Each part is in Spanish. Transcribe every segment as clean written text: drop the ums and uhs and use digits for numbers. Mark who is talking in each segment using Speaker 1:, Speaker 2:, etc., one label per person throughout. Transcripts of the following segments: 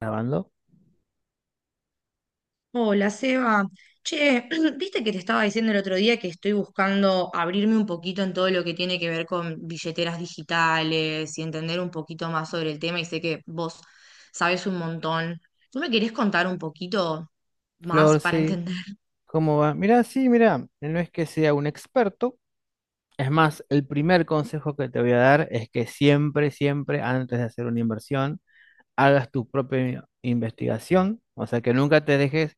Speaker 1: Grabando.
Speaker 2: Hola, Seba. Che, viste que te estaba diciendo el otro día que estoy buscando abrirme un poquito en todo lo que tiene que ver con billeteras digitales y entender un poquito más sobre el tema, y sé que vos sabes un montón. ¿Tú me querés contar un poquito más
Speaker 1: Flor,
Speaker 2: para
Speaker 1: sí,
Speaker 2: entender?
Speaker 1: ¿cómo va? Mira, sí, mira, no es que sea un experto. Es más, el primer consejo que te voy a dar es que siempre, siempre, antes de hacer una inversión, hagas tu propia investigación. O sea, que nunca te dejes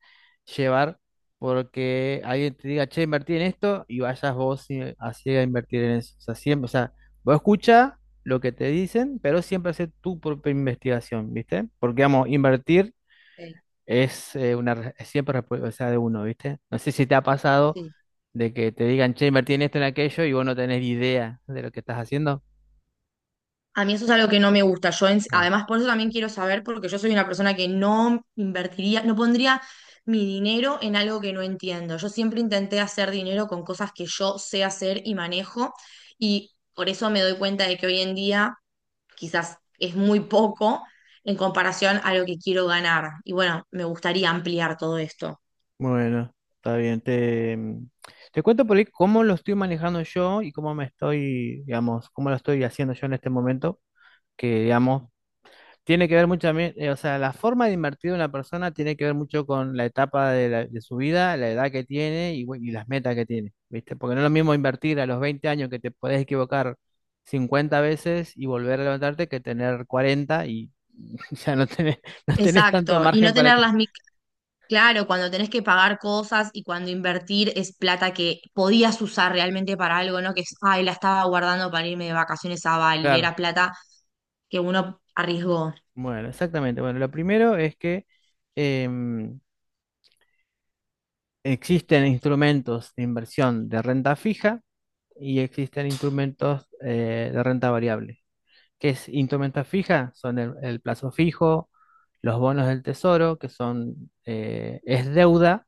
Speaker 1: llevar porque alguien te diga, che, invertí en esto y vayas vos y así a invertir en eso. O sea, siempre, o sea, vos escucha lo que te dicen, pero siempre hace tu propia investigación, ¿viste? Porque, vamos, invertir
Speaker 2: Ok.
Speaker 1: es es siempre responsabilidad de uno, ¿viste? No sé si te ha pasado
Speaker 2: Sí.
Speaker 1: de que te digan, che, invertí en esto, en aquello, y vos no tenés idea de lo que estás haciendo.
Speaker 2: A mí eso es algo que no me gusta. Sí,
Speaker 1: Ah,
Speaker 2: además, por eso también quiero saber, porque yo soy una persona que no invertiría, no pondría mi dinero en algo que no entiendo. Yo siempre intenté hacer dinero con cosas que yo sé hacer y manejo, y por eso me doy cuenta de que hoy en día quizás es muy poco en comparación a lo que quiero ganar. Y bueno, me gustaría ampliar todo esto.
Speaker 1: bueno, está bien. Te cuento por ahí cómo lo estoy manejando yo y cómo me estoy, digamos, cómo lo estoy haciendo yo en este momento, que, digamos, tiene que ver mucho también, o sea, la forma de invertir de una persona tiene que ver mucho con la etapa de, de su vida, la edad que tiene y, bueno, y las metas que tiene, ¿viste? Porque no es lo mismo invertir a los 20 años que te podés equivocar 50 veces y volver a levantarte que tener 40 y ya no tenés, no tenés tanto
Speaker 2: Exacto, y
Speaker 1: margen
Speaker 2: no
Speaker 1: para
Speaker 2: tener
Speaker 1: que...
Speaker 2: las Claro, cuando tenés que pagar cosas y cuando invertir es plata que podías usar realmente para algo, ¿no? Que es, ay, la estaba guardando para irme de vacaciones a Bali, y era
Speaker 1: Claro,
Speaker 2: plata que uno arriesgó.
Speaker 1: bueno, exactamente. Bueno, lo primero es que em, existen instrumentos de inversión de renta fija y existen instrumentos de renta variable. Que es instrumenta fija, son el plazo fijo, los bonos del tesoro, que son, es deuda,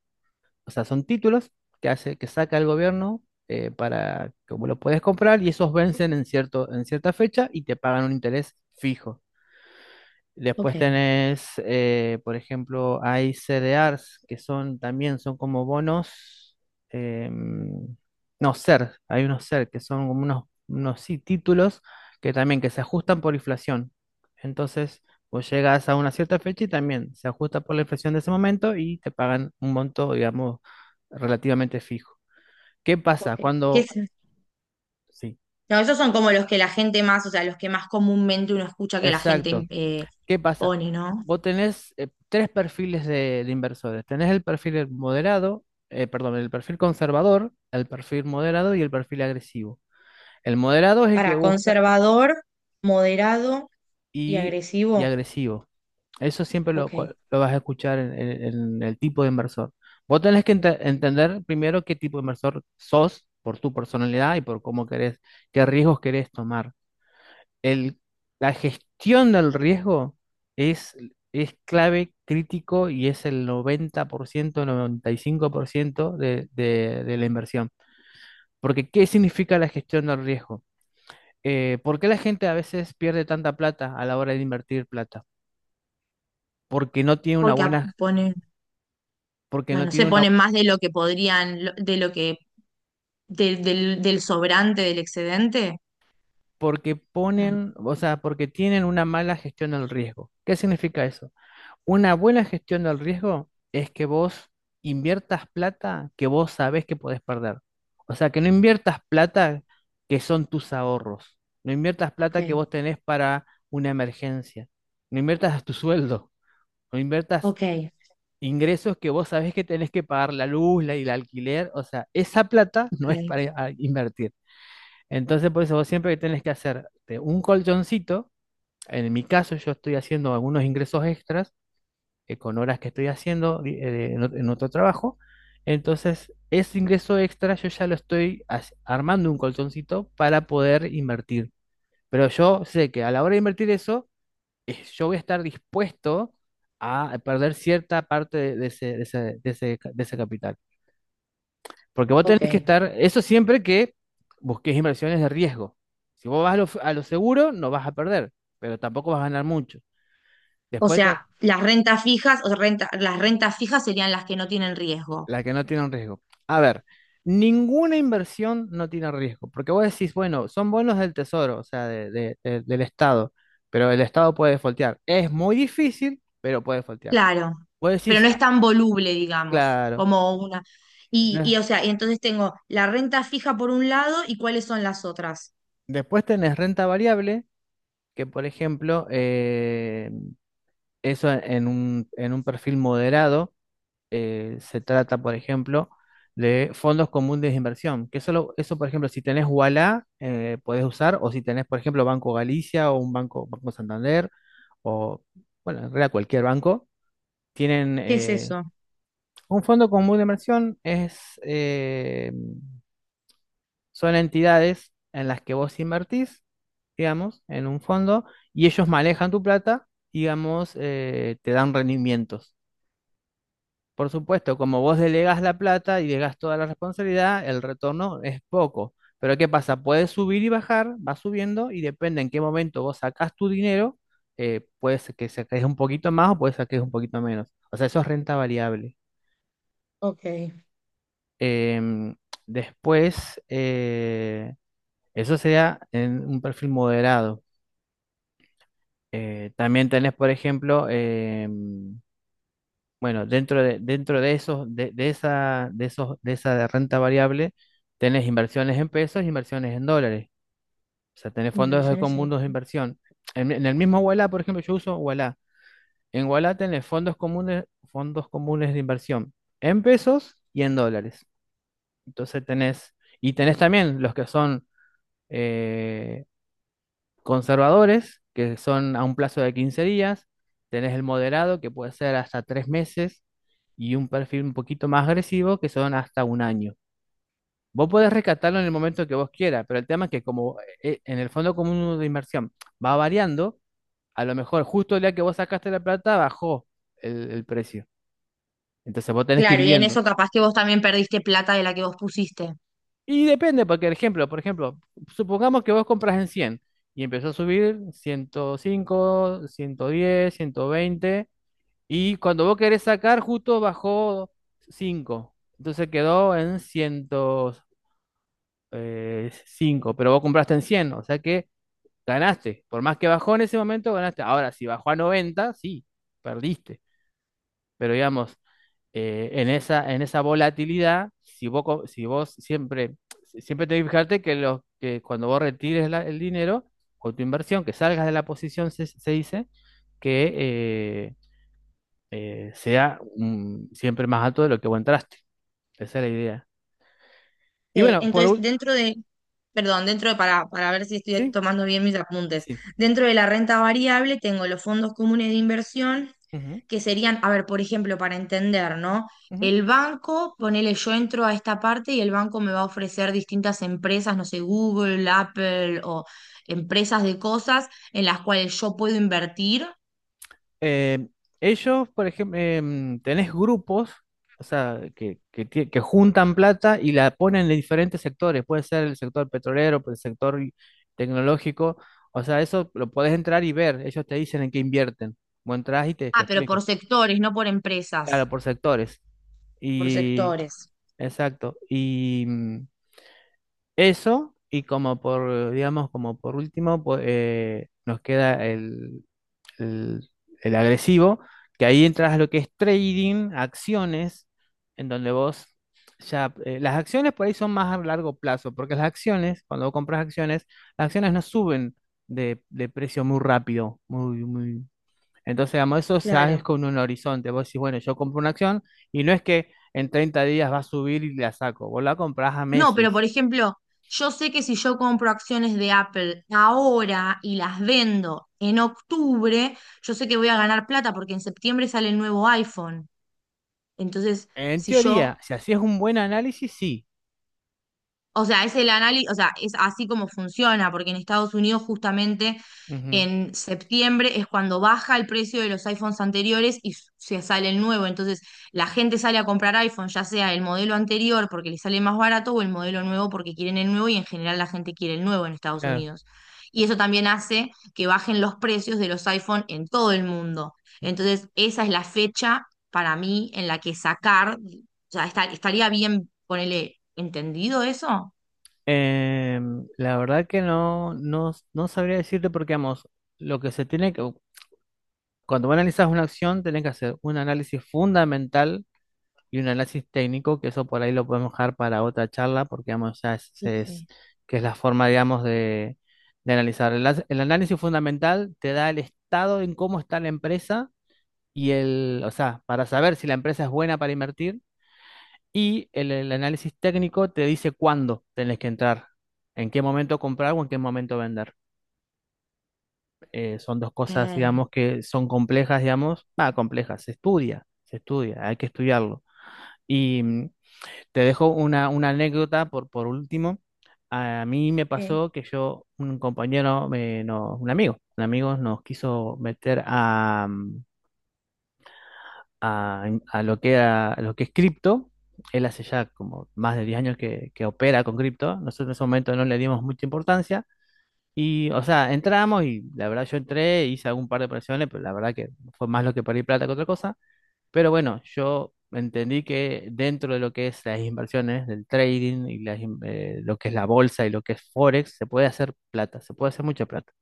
Speaker 1: o sea, son títulos que hace, que saca el gobierno para, como lo puedes comprar, y esos vencen en cierto, en cierta fecha y te pagan un interés fijo.
Speaker 2: Ok,
Speaker 1: Después tenés, por ejemplo, hay CDRs que son también son como bonos, em, no, SER, hay unos SER que son como unos sí, títulos que también que se ajustan por inflación. Entonces, vos llegas a una cierta fecha y también se ajusta por la inflación de ese momento y te pagan un monto, digamos, relativamente fijo. ¿Qué pasa
Speaker 2: ok. ¿Qué es?
Speaker 1: cuando...? Sí,
Speaker 2: No, esos son como los que la gente más, o sea, los que más comúnmente uno escucha que la gente
Speaker 1: exacto. ¿Qué pasa?
Speaker 2: pone, ¿no?
Speaker 1: Vos tenés tres perfiles de inversores. Tenés el perfil moderado, perdón, el perfil conservador, el perfil moderado y el perfil agresivo. El moderado es el que
Speaker 2: Para
Speaker 1: busca,
Speaker 2: conservador, moderado y
Speaker 1: y, y
Speaker 2: agresivo.
Speaker 1: agresivo. Eso siempre
Speaker 2: Ok.
Speaker 1: lo vas a escuchar en, en el tipo de inversor. Vos tenés que entender primero qué tipo de inversor sos por tu personalidad y por cómo querés, qué riesgos querés tomar. el, la gestión del riesgo es, es clave, crítico y es el 90%, 95% de la inversión. Porque, ¿qué significa la gestión del riesgo? ¿Por qué la gente a veces pierde tanta plata a la hora de invertir plata? Porque no tiene una
Speaker 2: Porque
Speaker 1: buena,
Speaker 2: pone.
Speaker 1: porque
Speaker 2: No,
Speaker 1: no
Speaker 2: no se
Speaker 1: tiene una,
Speaker 2: ponen más de lo que podrían, de lo que, del del sobrante, del excedente.
Speaker 1: Porque
Speaker 2: No,
Speaker 1: ponen, o sea, porque tienen una mala gestión del riesgo. ¿Qué significa eso? Una buena gestión del riesgo es que vos inviertas plata que vos sabés que podés perder. O sea, que no inviertas plata que son tus ahorros. No inviertas
Speaker 2: ok,
Speaker 1: plata que vos tenés para una emergencia. No inviertas tu sueldo. No inviertas
Speaker 2: ok,
Speaker 1: ingresos que vos sabés que tenés que pagar la luz, y el alquiler. O sea, esa plata
Speaker 2: ok.
Speaker 1: no es para invertir. Entonces, por eso vos siempre que tenés que hacerte un colchoncito. En mi caso, yo estoy haciendo algunos ingresos extras con horas que estoy haciendo en otro trabajo. Entonces, ese ingreso extra yo ya lo estoy armando un colchoncito para poder invertir. Pero yo sé que a la hora de invertir eso, yo voy a estar dispuesto a perder cierta parte de ese, de ese, de ese ca- de ese capital. Porque vos tenés que
Speaker 2: Ok.
Speaker 1: estar, eso siempre que busques inversiones de riesgo. Si vos vas a lo seguro, no vas a perder, pero tampoco vas a ganar mucho.
Speaker 2: O
Speaker 1: Después te-
Speaker 2: sea, las rentas fijas, o sea, las rentas fijas serían las que no tienen riesgo.
Speaker 1: La que no tiene un riesgo. A ver, ninguna inversión no tiene riesgo, porque vos decís, bueno, son bonos del tesoro, o sea, del Estado, pero el Estado puede foltear. Es muy difícil, pero puede foltear.
Speaker 2: Claro,
Speaker 1: Vos
Speaker 2: pero
Speaker 1: decís:
Speaker 2: no es
Speaker 1: "Ah,
Speaker 2: tan voluble, digamos,
Speaker 1: claro,
Speaker 2: como una.
Speaker 1: no".
Speaker 2: Y o sea, y entonces tengo la renta fija por un lado, y cuáles son las otras.
Speaker 1: Después tenés renta variable, que por ejemplo, eso en un perfil moderado. Se trata, por ejemplo, de fondos comunes de inversión, que solo, eso, por ejemplo, si tenés Ualá, podés usar, o si tenés, por ejemplo, Banco Galicia o un banco, Banco Santander, o, bueno, en realidad cualquier banco, tienen
Speaker 2: ¿Qué es eso?
Speaker 1: un fondo común de inversión, son entidades en las que vos invertís, digamos, en un fondo, y ellos manejan tu plata, digamos, te dan rendimientos. Por supuesto, como vos delegás la plata y delegás toda la responsabilidad, el retorno es poco. Pero ¿qué pasa? Puedes subir y bajar, va subiendo y depende en qué momento vos sacás tu dinero, puede ser que saques un poquito más o puede ser que saques un poquito menos. O sea, eso es renta variable.
Speaker 2: Ok.
Speaker 1: Em, Después, eso sería en un perfil moderado. También tenés, por ejemplo, bueno, dentro de esos, de esa, de esos, de esa renta variable, tenés inversiones en pesos, inversiones en dólares. O sea, tenés fondos de
Speaker 2: Inversiones en...
Speaker 1: comunes de inversión. En el mismo Ualá, por ejemplo, yo uso Ualá. En Ualá tenés fondos comunes, de inversión en pesos y en dólares. Entonces tenés, y tenés también los que son eh, conservadores, que son a un plazo de 15 días, tenés el moderado, que puede ser hasta 3 meses, y un perfil un poquito más agresivo, que son hasta un año. Vos podés rescatarlo en el momento que vos quieras, pero el tema es que como en el fondo común de inversión va variando, a lo mejor justo el día que vos sacaste la plata bajó el precio. Entonces vos tenés que ir
Speaker 2: Claro, y en
Speaker 1: viendo.
Speaker 2: eso capaz que vos también perdiste plata de la que vos pusiste.
Speaker 1: Y depende, porque el ejemplo, por ejemplo, supongamos que vos compras en 100 y empezó a subir 105, 110, 120. Y cuando vos querés sacar, justo bajó cinco. Entonces quedó en 105, pero vos compraste en 100, o sea que ganaste. Por más que bajó en ese momento, ganaste. Ahora, si bajó a 90, sí, perdiste. Pero digamos, en esa volatilidad, si vos, si vos siempre, siempre tenés que fijarte que, que cuando vos retires el dinero o tu inversión, que salgas de la posición, se dice, que sea, siempre más alto de lo que vos entraste. Esa es la idea. Y
Speaker 2: Ok,
Speaker 1: bueno, por
Speaker 2: entonces
Speaker 1: último,
Speaker 2: dentro de, perdón, dentro de, para ver si estoy
Speaker 1: sí,
Speaker 2: tomando bien mis apuntes,
Speaker 1: sí.
Speaker 2: dentro de la renta variable tengo los fondos comunes de inversión,
Speaker 1: Ujú,
Speaker 2: que serían, a ver, por ejemplo, para entender, ¿no?
Speaker 1: ujú.
Speaker 2: El banco, ponele, yo entro a esta parte y el banco me va a ofrecer distintas empresas, no sé, Google, Apple o empresas de cosas en las cuales yo puedo invertir.
Speaker 1: Eh, ellos, por ejemplo, tenés grupos, o sea, que juntan plata y la ponen en diferentes sectores. Puede ser el sector petrolero, puede ser el sector tecnológico. O sea, eso lo podés entrar y ver. Ellos te dicen en qué invierten. Vos entrás y te
Speaker 2: Ah, pero por
Speaker 1: explican.
Speaker 2: sectores, no por empresas,
Speaker 1: Claro, por sectores.
Speaker 2: por
Speaker 1: Y,
Speaker 2: sectores.
Speaker 1: exacto. Y, eso, y como por, digamos, como por último, pues, nos queda el- el agresivo, que ahí entras a lo que es trading, acciones, en donde vos ya, las acciones por ahí son más a largo plazo, porque las acciones, cuando vos compras acciones, las acciones no suben de precio muy rápido, muy, muy. Entonces, digamos, eso ya es
Speaker 2: Claro.
Speaker 1: con un horizonte. Vos decís, bueno, yo compro una acción y no es que en 30 días va a subir y la saco, vos la comprás a
Speaker 2: No, pero
Speaker 1: meses.
Speaker 2: por ejemplo, yo sé que si yo compro acciones de Apple ahora y las vendo en octubre, yo sé que voy a ganar plata porque en septiembre sale el nuevo iPhone. Entonces,
Speaker 1: En
Speaker 2: si
Speaker 1: teoría,
Speaker 2: yo...
Speaker 1: si hacías un buen análisis, sí.
Speaker 2: O sea, es el análisis, o sea, es así como funciona, porque en Estados Unidos justamente
Speaker 1: Ujú,
Speaker 2: en septiembre es cuando baja el precio de los iPhones anteriores y se sale el nuevo. Entonces, la gente sale a comprar iPhone, ya sea el modelo anterior porque le sale más barato o el modelo nuevo porque quieren el nuevo, y en general la gente quiere el nuevo en Estados
Speaker 1: claro.
Speaker 2: Unidos. Y eso también hace que bajen los precios de los iPhone en todo el mundo. Entonces, esa es la fecha para mí en la que sacar, o sea, estaría bien, ponerle, ¿entendido eso?
Speaker 1: La verdad que no sabría decirte porque, vamos, lo que se tiene que, cuando vos analizas una acción, tenés que hacer un análisis fundamental y un análisis técnico, que eso por ahí lo podemos dejar para otra charla, porque, vamos, ya
Speaker 2: Ok.
Speaker 1: que es la forma, digamos, de analizar. El análisis fundamental te da el estado en cómo está la empresa y o sea, para saber si la empresa es buena para invertir. Y el análisis técnico te dice cuándo tenés que entrar, en qué momento comprar o en qué momento vender. Son dos cosas,
Speaker 2: Ey.
Speaker 1: digamos, que son complejas, digamos, complejas, se estudia, hay que estudiarlo. Y te dejo una anécdota por último. A mí me
Speaker 2: Ok.
Speaker 1: pasó que yo, un compañero, no, un amigo nos quiso meter a, mm, a lo que era, a lo que es cripto. Él hace ya como más de 10 años que opera con cripto. Nosotros en ese momento no le dimos mucha importancia. Y, o sea, entramos y la verdad yo entré, hice algún par de operaciones, pero la verdad que fue más lo que perdí plata que otra cosa. Pero bueno, yo entendí que dentro de lo que es las inversiones, del trading y lo que es la bolsa y lo que es Forex, se puede hacer plata, se puede hacer mucha plata,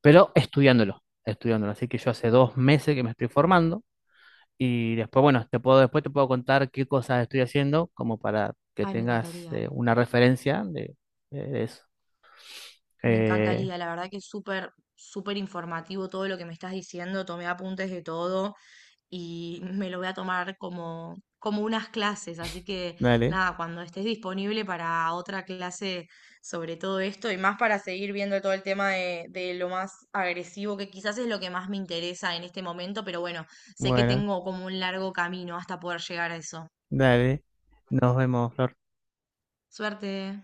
Speaker 1: pero estudiándolo, estudiándolo. Así que yo hace 2 meses que me estoy formando y después, bueno, después te puedo contar qué cosas estoy haciendo, como para que
Speaker 2: Ay, me
Speaker 1: tengas
Speaker 2: encantaría.
Speaker 1: una referencia de eso.
Speaker 2: Me
Speaker 1: Eh,
Speaker 2: encantaría, la verdad que es súper, súper informativo todo lo que me estás diciendo. Tomé apuntes de todo y me lo voy a tomar como, como unas clases. Así que
Speaker 1: dale,
Speaker 2: nada, cuando estés disponible para otra clase sobre todo esto y más, para seguir viendo todo el tema de lo más agresivo, que quizás es lo que más me interesa en este momento, pero bueno, sé que
Speaker 1: bueno,
Speaker 2: tengo como un largo camino hasta poder llegar a eso.
Speaker 1: dale. Nos vemos, Flor.
Speaker 2: Suerte.